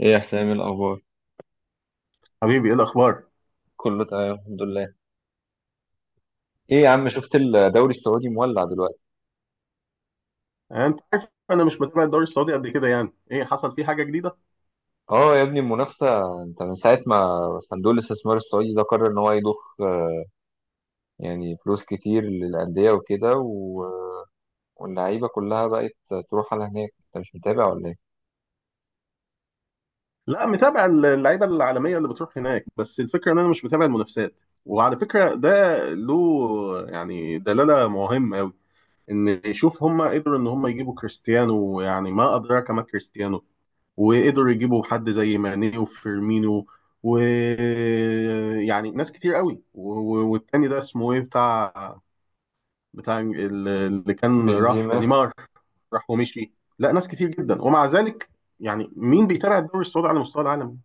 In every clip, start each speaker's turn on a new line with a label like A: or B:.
A: ايه يا حسام، إيه الاخبار؟
B: حبيبي، ايه الاخبار؟
A: كله تمام الحمد لله. ايه يا عم، شفت الدوري السعودي مولع دلوقتي؟
B: يعني انت عارف انا مش متابع الدوري السعودي قد كده، يعني ايه حصل فيه حاجه جديده؟
A: اه يا ابني المنافسه. انت من ساعه ما صندوق الاستثمار السعودي ده قرر ان هو يضخ يعني فلوس كتير للانديه وكده و... واللعيبه كلها بقت تروح على هناك، انت مش متابع ولا ايه؟
B: لا، متابع اللعيبه العالميه اللي بتروح هناك، بس الفكره ان انا مش متابع المنافسات. وعلى فكره ده له يعني دلاله مهمه قوي، ان يشوف هم قدروا ان هم يجيبوا كريستيانو، يعني ما ادراك ما كريستيانو. وقدروا يجيبوا حد زي ماني وفيرمينو، ويعني ناس كتير قوي والتاني ده اسمه ايه، بتاع اللي كان راح
A: بنزيما.
B: نيمار؟ راح ومشي. لا، ناس كتير جدا، ومع ذلك يعني مين بيتابع الدوري السعودي على مستوى العالم؟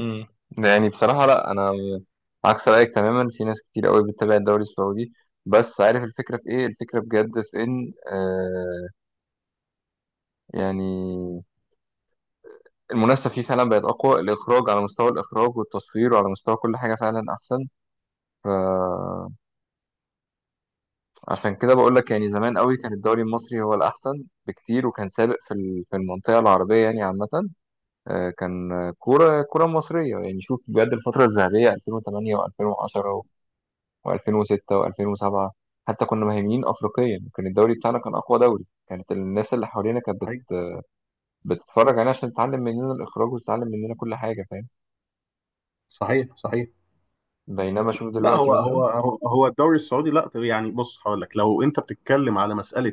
A: امم يعني بصراحه، لا انا عكس رايك تماما، في ناس كتير قوي بتتابع الدوري السعودي. بس عارف الفكره في ايه؟ الفكره بجد في ان يعني المنافسة فيه فعلا بقت أقوى، الإخراج، على مستوى الإخراج والتصوير وعلى مستوى كل حاجة فعلا أحسن. فعشان كده بقول لك، يعني زمان قوي كان الدوري المصري هو الأحسن بكتير، وكان سابق في المنطقة العربية يعني عامة. كان كورة مصرية. يعني شوف بجد، الفترة الذهبية 2008 و2010 و2006 و2007، حتى كنا مهيمنين أفريقيا، كان الدوري بتاعنا كان أقوى دوري، كانت الناس اللي حوالينا كانت
B: صحيح،
A: بتتفرج علينا عشان تتعلم مننا الإخراج وتتعلم مننا كل حاجة، فاهم؟
B: صحيح، صحيح.
A: بينما شوف
B: لا،
A: دلوقتي
B: هو هو
A: مثلا.
B: هو هو الدوري السعودي، لا طب يعني بص، هقول لك، لو انت بتتكلم على مساله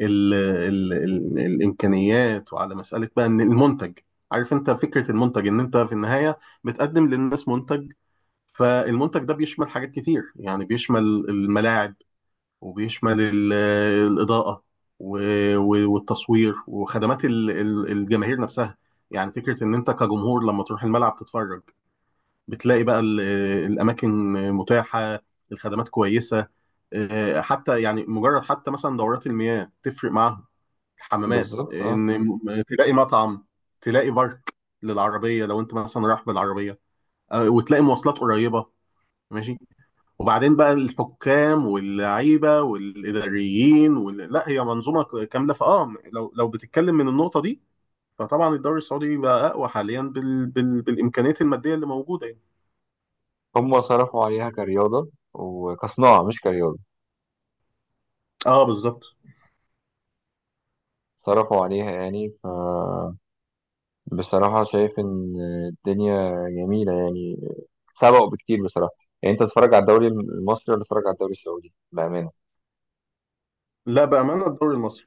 B: ال ال ال الامكانيات، وعلى مساله بقى ان المنتج، عارف انت فكره المنتج، ان انت في النهايه بتقدم للناس منتج. فالمنتج ده بيشمل حاجات كتير، يعني بيشمل الملاعب، وبيشمل الإضاءة والتصوير، وخدمات الجماهير نفسها. يعني فكرة إن أنت كجمهور لما تروح الملعب تتفرج، بتلاقي بقى الأماكن متاحة، الخدمات كويسة، حتى يعني مجرد حتى مثلا دورات المياه تفرق معاهم، الحمامات،
A: بالظبط، اه.
B: إن تلاقي مطعم، تلاقي بارك للعربية لو أنت مثلا رايح بالعربية، وتلاقي مواصلات قريبة، ماشي. وبعدين بقى الحكام واللعيبه والاداريين لا، هي منظومه كامله، فاه، لو بتتكلم من النقطه دي، فطبعا الدوري السعودي بقى اقوى حاليا بالامكانيات الماديه اللي موجوده يعني.
A: هم صرفوا عليها كرياضة وكصناعة، مش كرياضة.
B: اه، بالظبط.
A: صرفوا عليها يعني. فبصراحة شايف إن الدنيا جميلة يعني، سبقوا بكتير بصراحة. يعني أنت تتفرج على الدوري المصري ولا تتفرج على الدوري السعودي بأمانة؟
B: لا، بامانه الدوري المصري.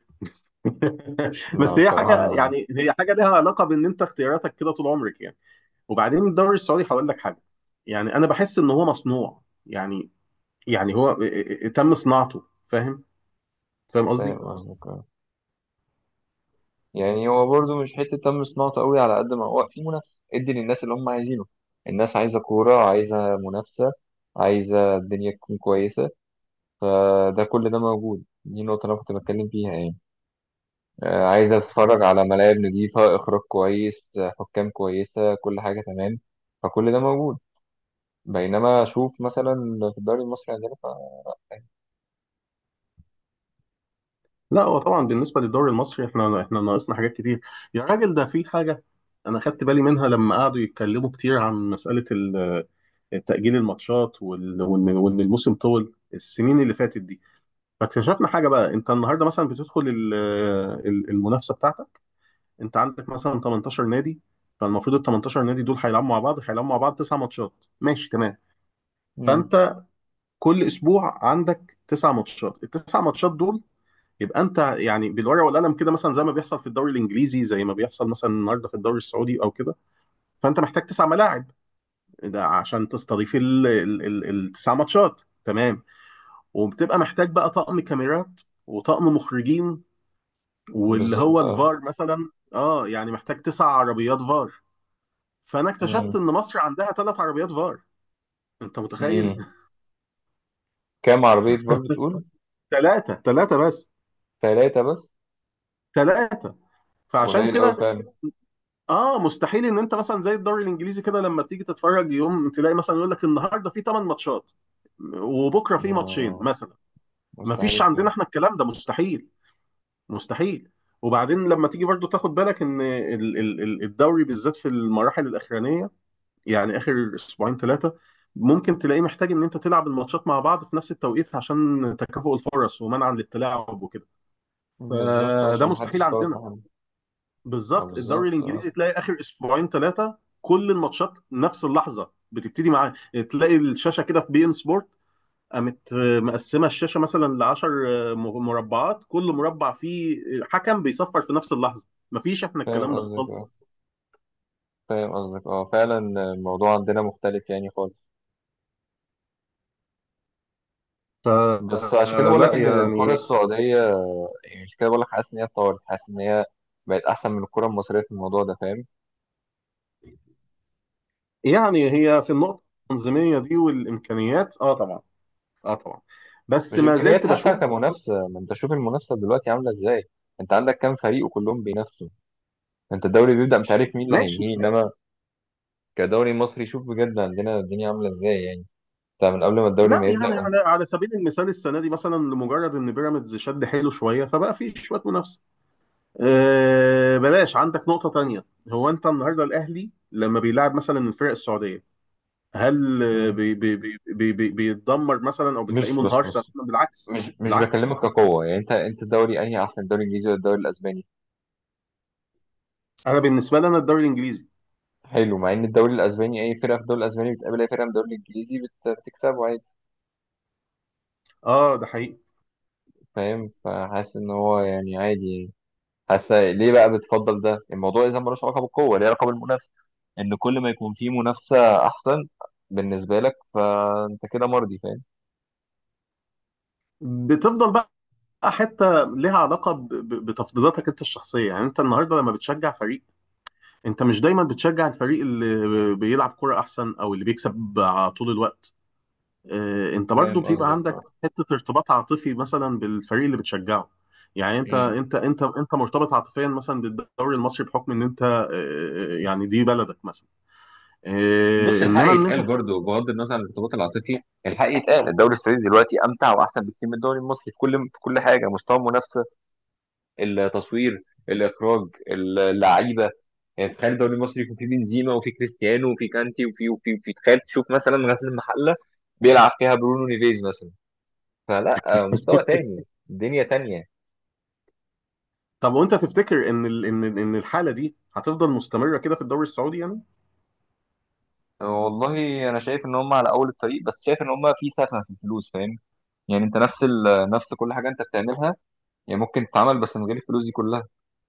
A: لا
B: بس هي
A: بصراحة
B: حاجه،
A: أنا.
B: يعني هي حاجه لها علاقه بان انت اختياراتك كده طول عمرك يعني. وبعدين الدوري السعودي هقول لك حاجه، يعني انا بحس ان هو مصنوع، يعني يعني هو تم صناعته، فاهم؟ فاهم
A: فاهم
B: قصدي؟
A: قصدك، آه. يعني هو برضه مش حتة تم صناعته قوي، على قد ما هو في منافسة ادي للناس اللي هم عايزينه. الناس عايزة كورة، عايزة منافسة، عايزة الدنيا تكون كويسة، فده كل ده موجود. دي النقطة اللي أنا كنت بتكلم فيها يعني. عايز اتفرج على ملاعب نظيفة، اخراج كويس، حكام كويسة، كل حاجة تمام، فكل ده موجود. بينما اشوف مثلا في الدوري المصري عندنا ف...
B: لا، هو طبعا بالنسبه للدوري المصري، احنا ناقصنا حاجات كتير. يا راجل، ده في حاجه انا خدت بالي منها لما قعدوا يتكلموا كتير عن مساله تأجيل الماتشات، وان الموسم طول السنين اللي فاتت دي. فاكتشفنا حاجه بقى، انت النهارده مثلا بتدخل المنافسه بتاعتك. انت عندك مثلا 18 نادي، فالمفروض ال 18 نادي دول هيلعبوا مع بعض، تسع ماتشات، ماشي تمام.
A: مم.
B: فانت كل اسبوع عندك تسع ماتشات، التسع ماتشات دول، يبقى انت يعني بالورقه والقلم كده، مثلا زي ما بيحصل في الدوري الانجليزي، زي ما بيحصل مثلا النهارده في الدوري السعودي او كده، فانت محتاج تسع ملاعب، ده عشان تستضيف التسع ماتشات، تمام. وبتبقى محتاج بقى طقم كاميرات، وطقم مخرجين، واللي هو
A: بالظبط، اه.
B: الفار مثلا، يعني محتاج تسع عربيات فار. فانا اكتشفت
A: مم.
B: ان مصر عندها ثلاث عربيات فار، انت
A: مم.
B: متخيل؟
A: كام عربية فول بتقول؟
B: ثلاثه، ثلاثه بس.
A: ثلاثة بس؟
B: ثلاثه. فعشان
A: قليل قوي
B: كده،
A: فعلا.
B: اه مستحيل ان انت مثلا زي الدوري الانجليزي كده، لما بتيجي تتفرج يوم، تلاقي مثلا يقول لك النهارده في 8 ماتشات، وبكره في ماتشين
A: مم.
B: مثلا. ما
A: مستحيل
B: فيش عندنا
A: فعلا.
B: احنا، الكلام ده مستحيل، مستحيل. وبعدين لما تيجي برضو تاخد بالك ان الدوري بالذات في المراحل الاخرانيه، يعني اخر اسبوعين ثلاثه، ممكن تلاقيه محتاج ان انت تلعب الماتشات مع بعض في نفس التوقيت، عشان تكافؤ الفرص ومنع الاتلاعب وكده.
A: بالظبط،
B: فده
A: عشان
B: مستحيل
A: محدش يفوت
B: عندنا.
A: لحد. اه
B: بالظبط، الدوري
A: بالظبط، اه.
B: الانجليزي تلاقي اخر اسبوعين ثلاثه كل الماتشات نفس اللحظه بتبتدي معاه، تلاقي الشاشه كده في بي ان سبورت قامت مقسمه الشاشه مثلا ل 10 مربعات، كل مربع فيه حكم بيصفر في نفس اللحظه. مفيش احنا
A: فاهم
B: الكلام ده
A: قصدك،
B: خالص.
A: اه. فاهم قصدك، اه فعلا. الموضوع عندنا مختلف يعني خالص.
B: ف
A: بس عشان كده
B: آه،
A: بقول لك
B: لا
A: ان الكرة
B: يعني،
A: السعودية، يعني مش كده بقول لك، حاسس ان هي اتطورت، حاسس ان هي بقت احسن من الكره المصريه في الموضوع ده، فاهم؟
B: يعني هي في النقطه التنظيميه دي والامكانيات، اه طبعا، اه طبعا، بس
A: مش
B: ما
A: امكانيات،
B: زلت
A: حتى
B: بشوف.
A: كمنافسه. ما انت شوف المنافسه دلوقتي عامله ازاي، انت عندك كام فريق وكلهم بينافسوا. انت الدوري بيبدا مش عارف مين اللي
B: ماشي.
A: هينهيه، انما كدوري مصري شوف بجد عندنا الدنيا عامله ازاي يعني، انت من قبل ما الدوري
B: لا
A: ما
B: يعني،
A: يبدا انت-
B: على سبيل المثال السنه دي مثلا، لمجرد ان بيراميدز شد حيله شويه، فبقى في شويه منافسه. أه، بلاش، عندك نقطه تانية. هو انت النهارده الاهلي لما بيلعب مثلا الفرق السعوديه، هل
A: مم.
B: بي بي بي بي بي بيتدمر مثلا، او بتلاقيه
A: مش
B: منهار
A: بس
B: تماما؟
A: بس
B: بالعكس،
A: مش
B: بالعكس.
A: بكلمك كقوه. يعني انت الدوري انهي احسن، الدوري الانجليزي ولا الدوري الاسباني؟
B: انا بالنسبه لي انا الدوري الانجليزي.
A: حلو، مع ان الدوري الاسباني، اي فرقه في الدوري الاسباني بتقابل اي فرقه من الدوري الانجليزي بتكسبه عادي.
B: اه، ده حقيقي.
A: فاهم؟ فحاسس ان هو يعني عادي يعني. حاسه ليه بقى بتفضل ده؟ الموضوع اذا ملوش علاقه بالقوه، ليه علاقه بالمنافسه. ان كل ما يكون في منافسه احسن بالنسبه لك، فانت كده مرضي، فاهم؟
B: بتفضل بقى، حته لها علاقه بتفضيلاتك انت الشخصيه، يعني انت النهارده لما بتشجع فريق، انت مش دايما بتشجع الفريق اللي بيلعب كرة احسن او اللي بيكسب على طول الوقت. اه، انت برضو
A: فاهم
B: بتبقى
A: قصدك، اه.
B: عندك حتة ارتباط عاطفي مثلا بالفريق اللي بتشجعه. يعني انت
A: مم.
B: انت انت انت مرتبط عاطفيا مثلا بالدوري المصري بحكم ان انت يعني دي بلدك مثلا،
A: بص،
B: اه،
A: الحق
B: انما ان انت،
A: يتقال برضه، بغض النظر عن الارتباط العاطفي، الحق يتقال الدوري السعودي دلوقتي امتع واحسن بكتير من الدوري المصري، في كل في كل حاجه، مستوى المنافسه، التصوير، الاخراج، اللعيبه. يعني تخيل الدوري المصري يكون فيه بنزيما وفيه كريستيانو وفيه كانتي وفيه وفيه وفيه، تخيل تشوف مثلا غزل المحله بيلعب فيها برونو نيفيز مثلا. فلا، مستوى تاني، دنيا تانية.
B: طب وانت تفتكر ان ان الحالة دي هتفضل مستمرة كده في الدوري السعودي يعني؟
A: والله انا شايف ان هم على اول الطريق، بس شايف ان هم في سخنه في الفلوس، فاهم؟ يعني انت نفس ال... نفس كل حاجه انت بتعملها، يعني ممكن تتعمل بس من غير الفلوس دي كلها.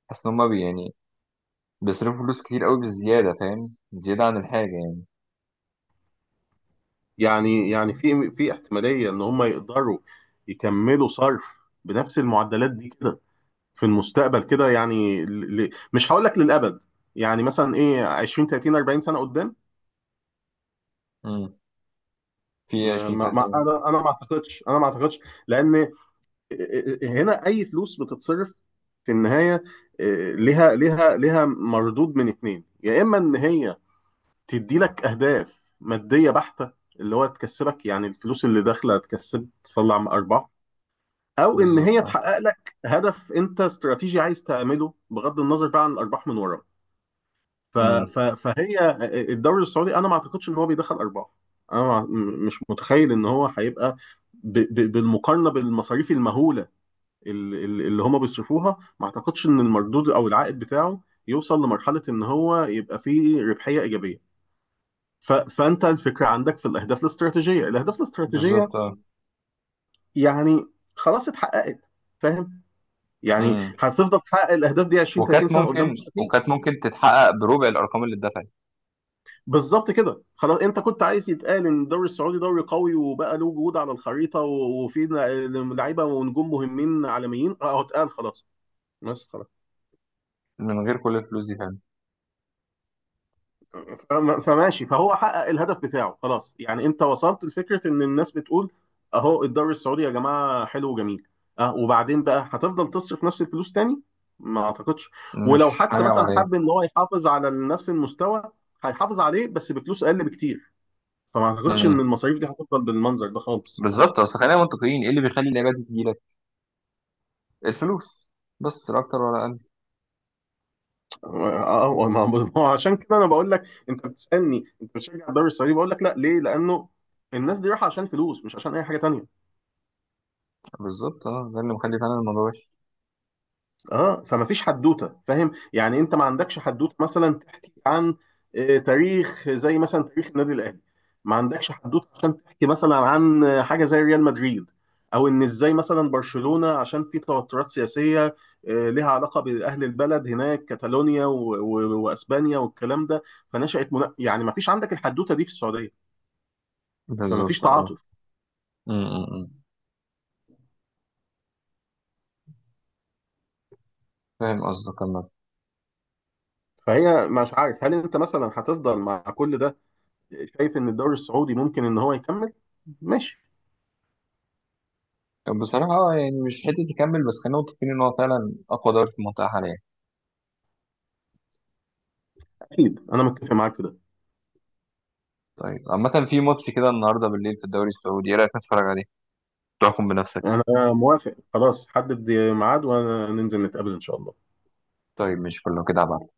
A: حاسس ان هم بي يعني بيصرفوا فلوس كتير قوي بالزياده، فاهم؟ زياده عن الحاجه يعني.
B: يعني، في احتمالية ان هم يقدروا يكملوا صرف بنفس المعدلات دي كده في المستقبل كده، يعني مش هقول لك للأبد، يعني مثلا ايه 20، 30، 40 سنة قدام.
A: امم في
B: ما...
A: 20
B: ما... ما...
A: 30 يوم.
B: انا ما اعتقدش. لأن هنا اي فلوس بتتصرف في النهاية، ليها مردود من اتنين، يا اما ان هي تدي لك اهداف مادية بحتة، اللي هو تكسبك يعني، الفلوس اللي داخلة تكسب تطلع ارباح، او ان
A: بالظبط،
B: هي
A: اه.
B: تحقق لك هدف انت استراتيجي عايز تعمله بغض النظر بقى عن الارباح من وراه.
A: امم
B: فهي، الدوري السعودي انا ما اعتقدش ان هو بيدخل ارباح. انا ما... م- مش متخيل ان هو هيبقى، بالمقارنه بالمصاريف المهوله اللي هم بيصرفوها، ما اعتقدش ان المردود او العائد بتاعه يوصل لمرحله ان هو يبقى فيه ربحيه ايجابيه. فانت الفكره عندك في الاهداف الاستراتيجيه،
A: بالظبط، اه.
B: يعني خلاص اتحققت، فاهم؟ يعني
A: امم
B: هتفضل تحقق الاهداف دي 20، 30
A: وكانت
B: سنه قدام؟
A: ممكن،
B: مستحيل.
A: وكانت ممكن تتحقق بربع الارقام اللي اتدفعت،
B: بالظبط كده، خلاص. انت كنت عايز يتقال ان الدوري السعودي دوري قوي وبقى له وجود على الخريطه، وفي لعيبه ونجوم مهمين عالميين، اه، اتقال، خلاص، بس خلاص.
A: من غير كل الفلوس دي، فاهم؟
B: فماشي، فهو حقق الهدف بتاعه خلاص، يعني انت وصلت لفكره ان الناس بتقول اهو الدوري السعودي يا جماعه حلو وجميل. اه وبعدين بقى هتفضل تصرف نفس الفلوس تاني؟ ما اعتقدش.
A: مش
B: ولو حتى
A: حاجه
B: مثلا حب ان هو يحافظ على نفس المستوى، هيحافظ عليه بس بفلوس اقل بكتير. فما اعتقدش ان
A: عمليه.
B: المصاريف دي هتفضل بالمنظر ده خالص.
A: بالظبط، اصل خلينا منطقيين، ايه اللي بيخلي اللعيبه دي تجيلك؟ الفلوس، بس لا اكتر ولا اقل.
B: اه، ما هو عشان كده انا بقول لك، انت بتسالني انت بتشجع الدوري السعودي؟ بقول لك لا. ليه؟ لانه الناس دي رايحه عشان فلوس، مش عشان اي حاجه تانيه.
A: بالظبط، اه، ده اللي مخلي فعلا الموضوع وحش.
B: اه فما فيش حدوته، فاهم؟ يعني انت ما عندكش حدوته مثلا تحكي عن تاريخ، زي مثلا تاريخ النادي الاهلي. ما عندكش حدوته عشان تحكي مثلا عن حاجه زي ريال مدريد، او ان ازاي مثلا برشلونه عشان في توترات سياسيه، لها علاقه باهل البلد هناك كاتالونيا واسبانيا والكلام ده. يعني ما فيش عندك الحدوته دي في السعوديه، فما فيش
A: بالظبط، اه.
B: تعاطف.
A: م- م- م. فاهم قصدك عامة.
B: فهي، مش عارف هل انت مثلا هتفضل مع كل ده شايف ان الدوري السعودي ممكن ان هو يكمل؟ ماشي،
A: بصراحة يعني مش حتة يكمل، بس خلينا متفقين إن هو فعلا أقوى دوري في المنطقة حاليا.
B: اكيد انا متفق معاك في ده.
A: طيب عامة، في ماتش كده النهاردة بالليل في الدوري السعودي، إيه رأيك نتفرج عليه؟ تحكم بنفسك.
B: انا موافق، خلاص حدد ميعاد وننزل نتقابل ان شاء الله.
A: طيب مش كله كده عبعا.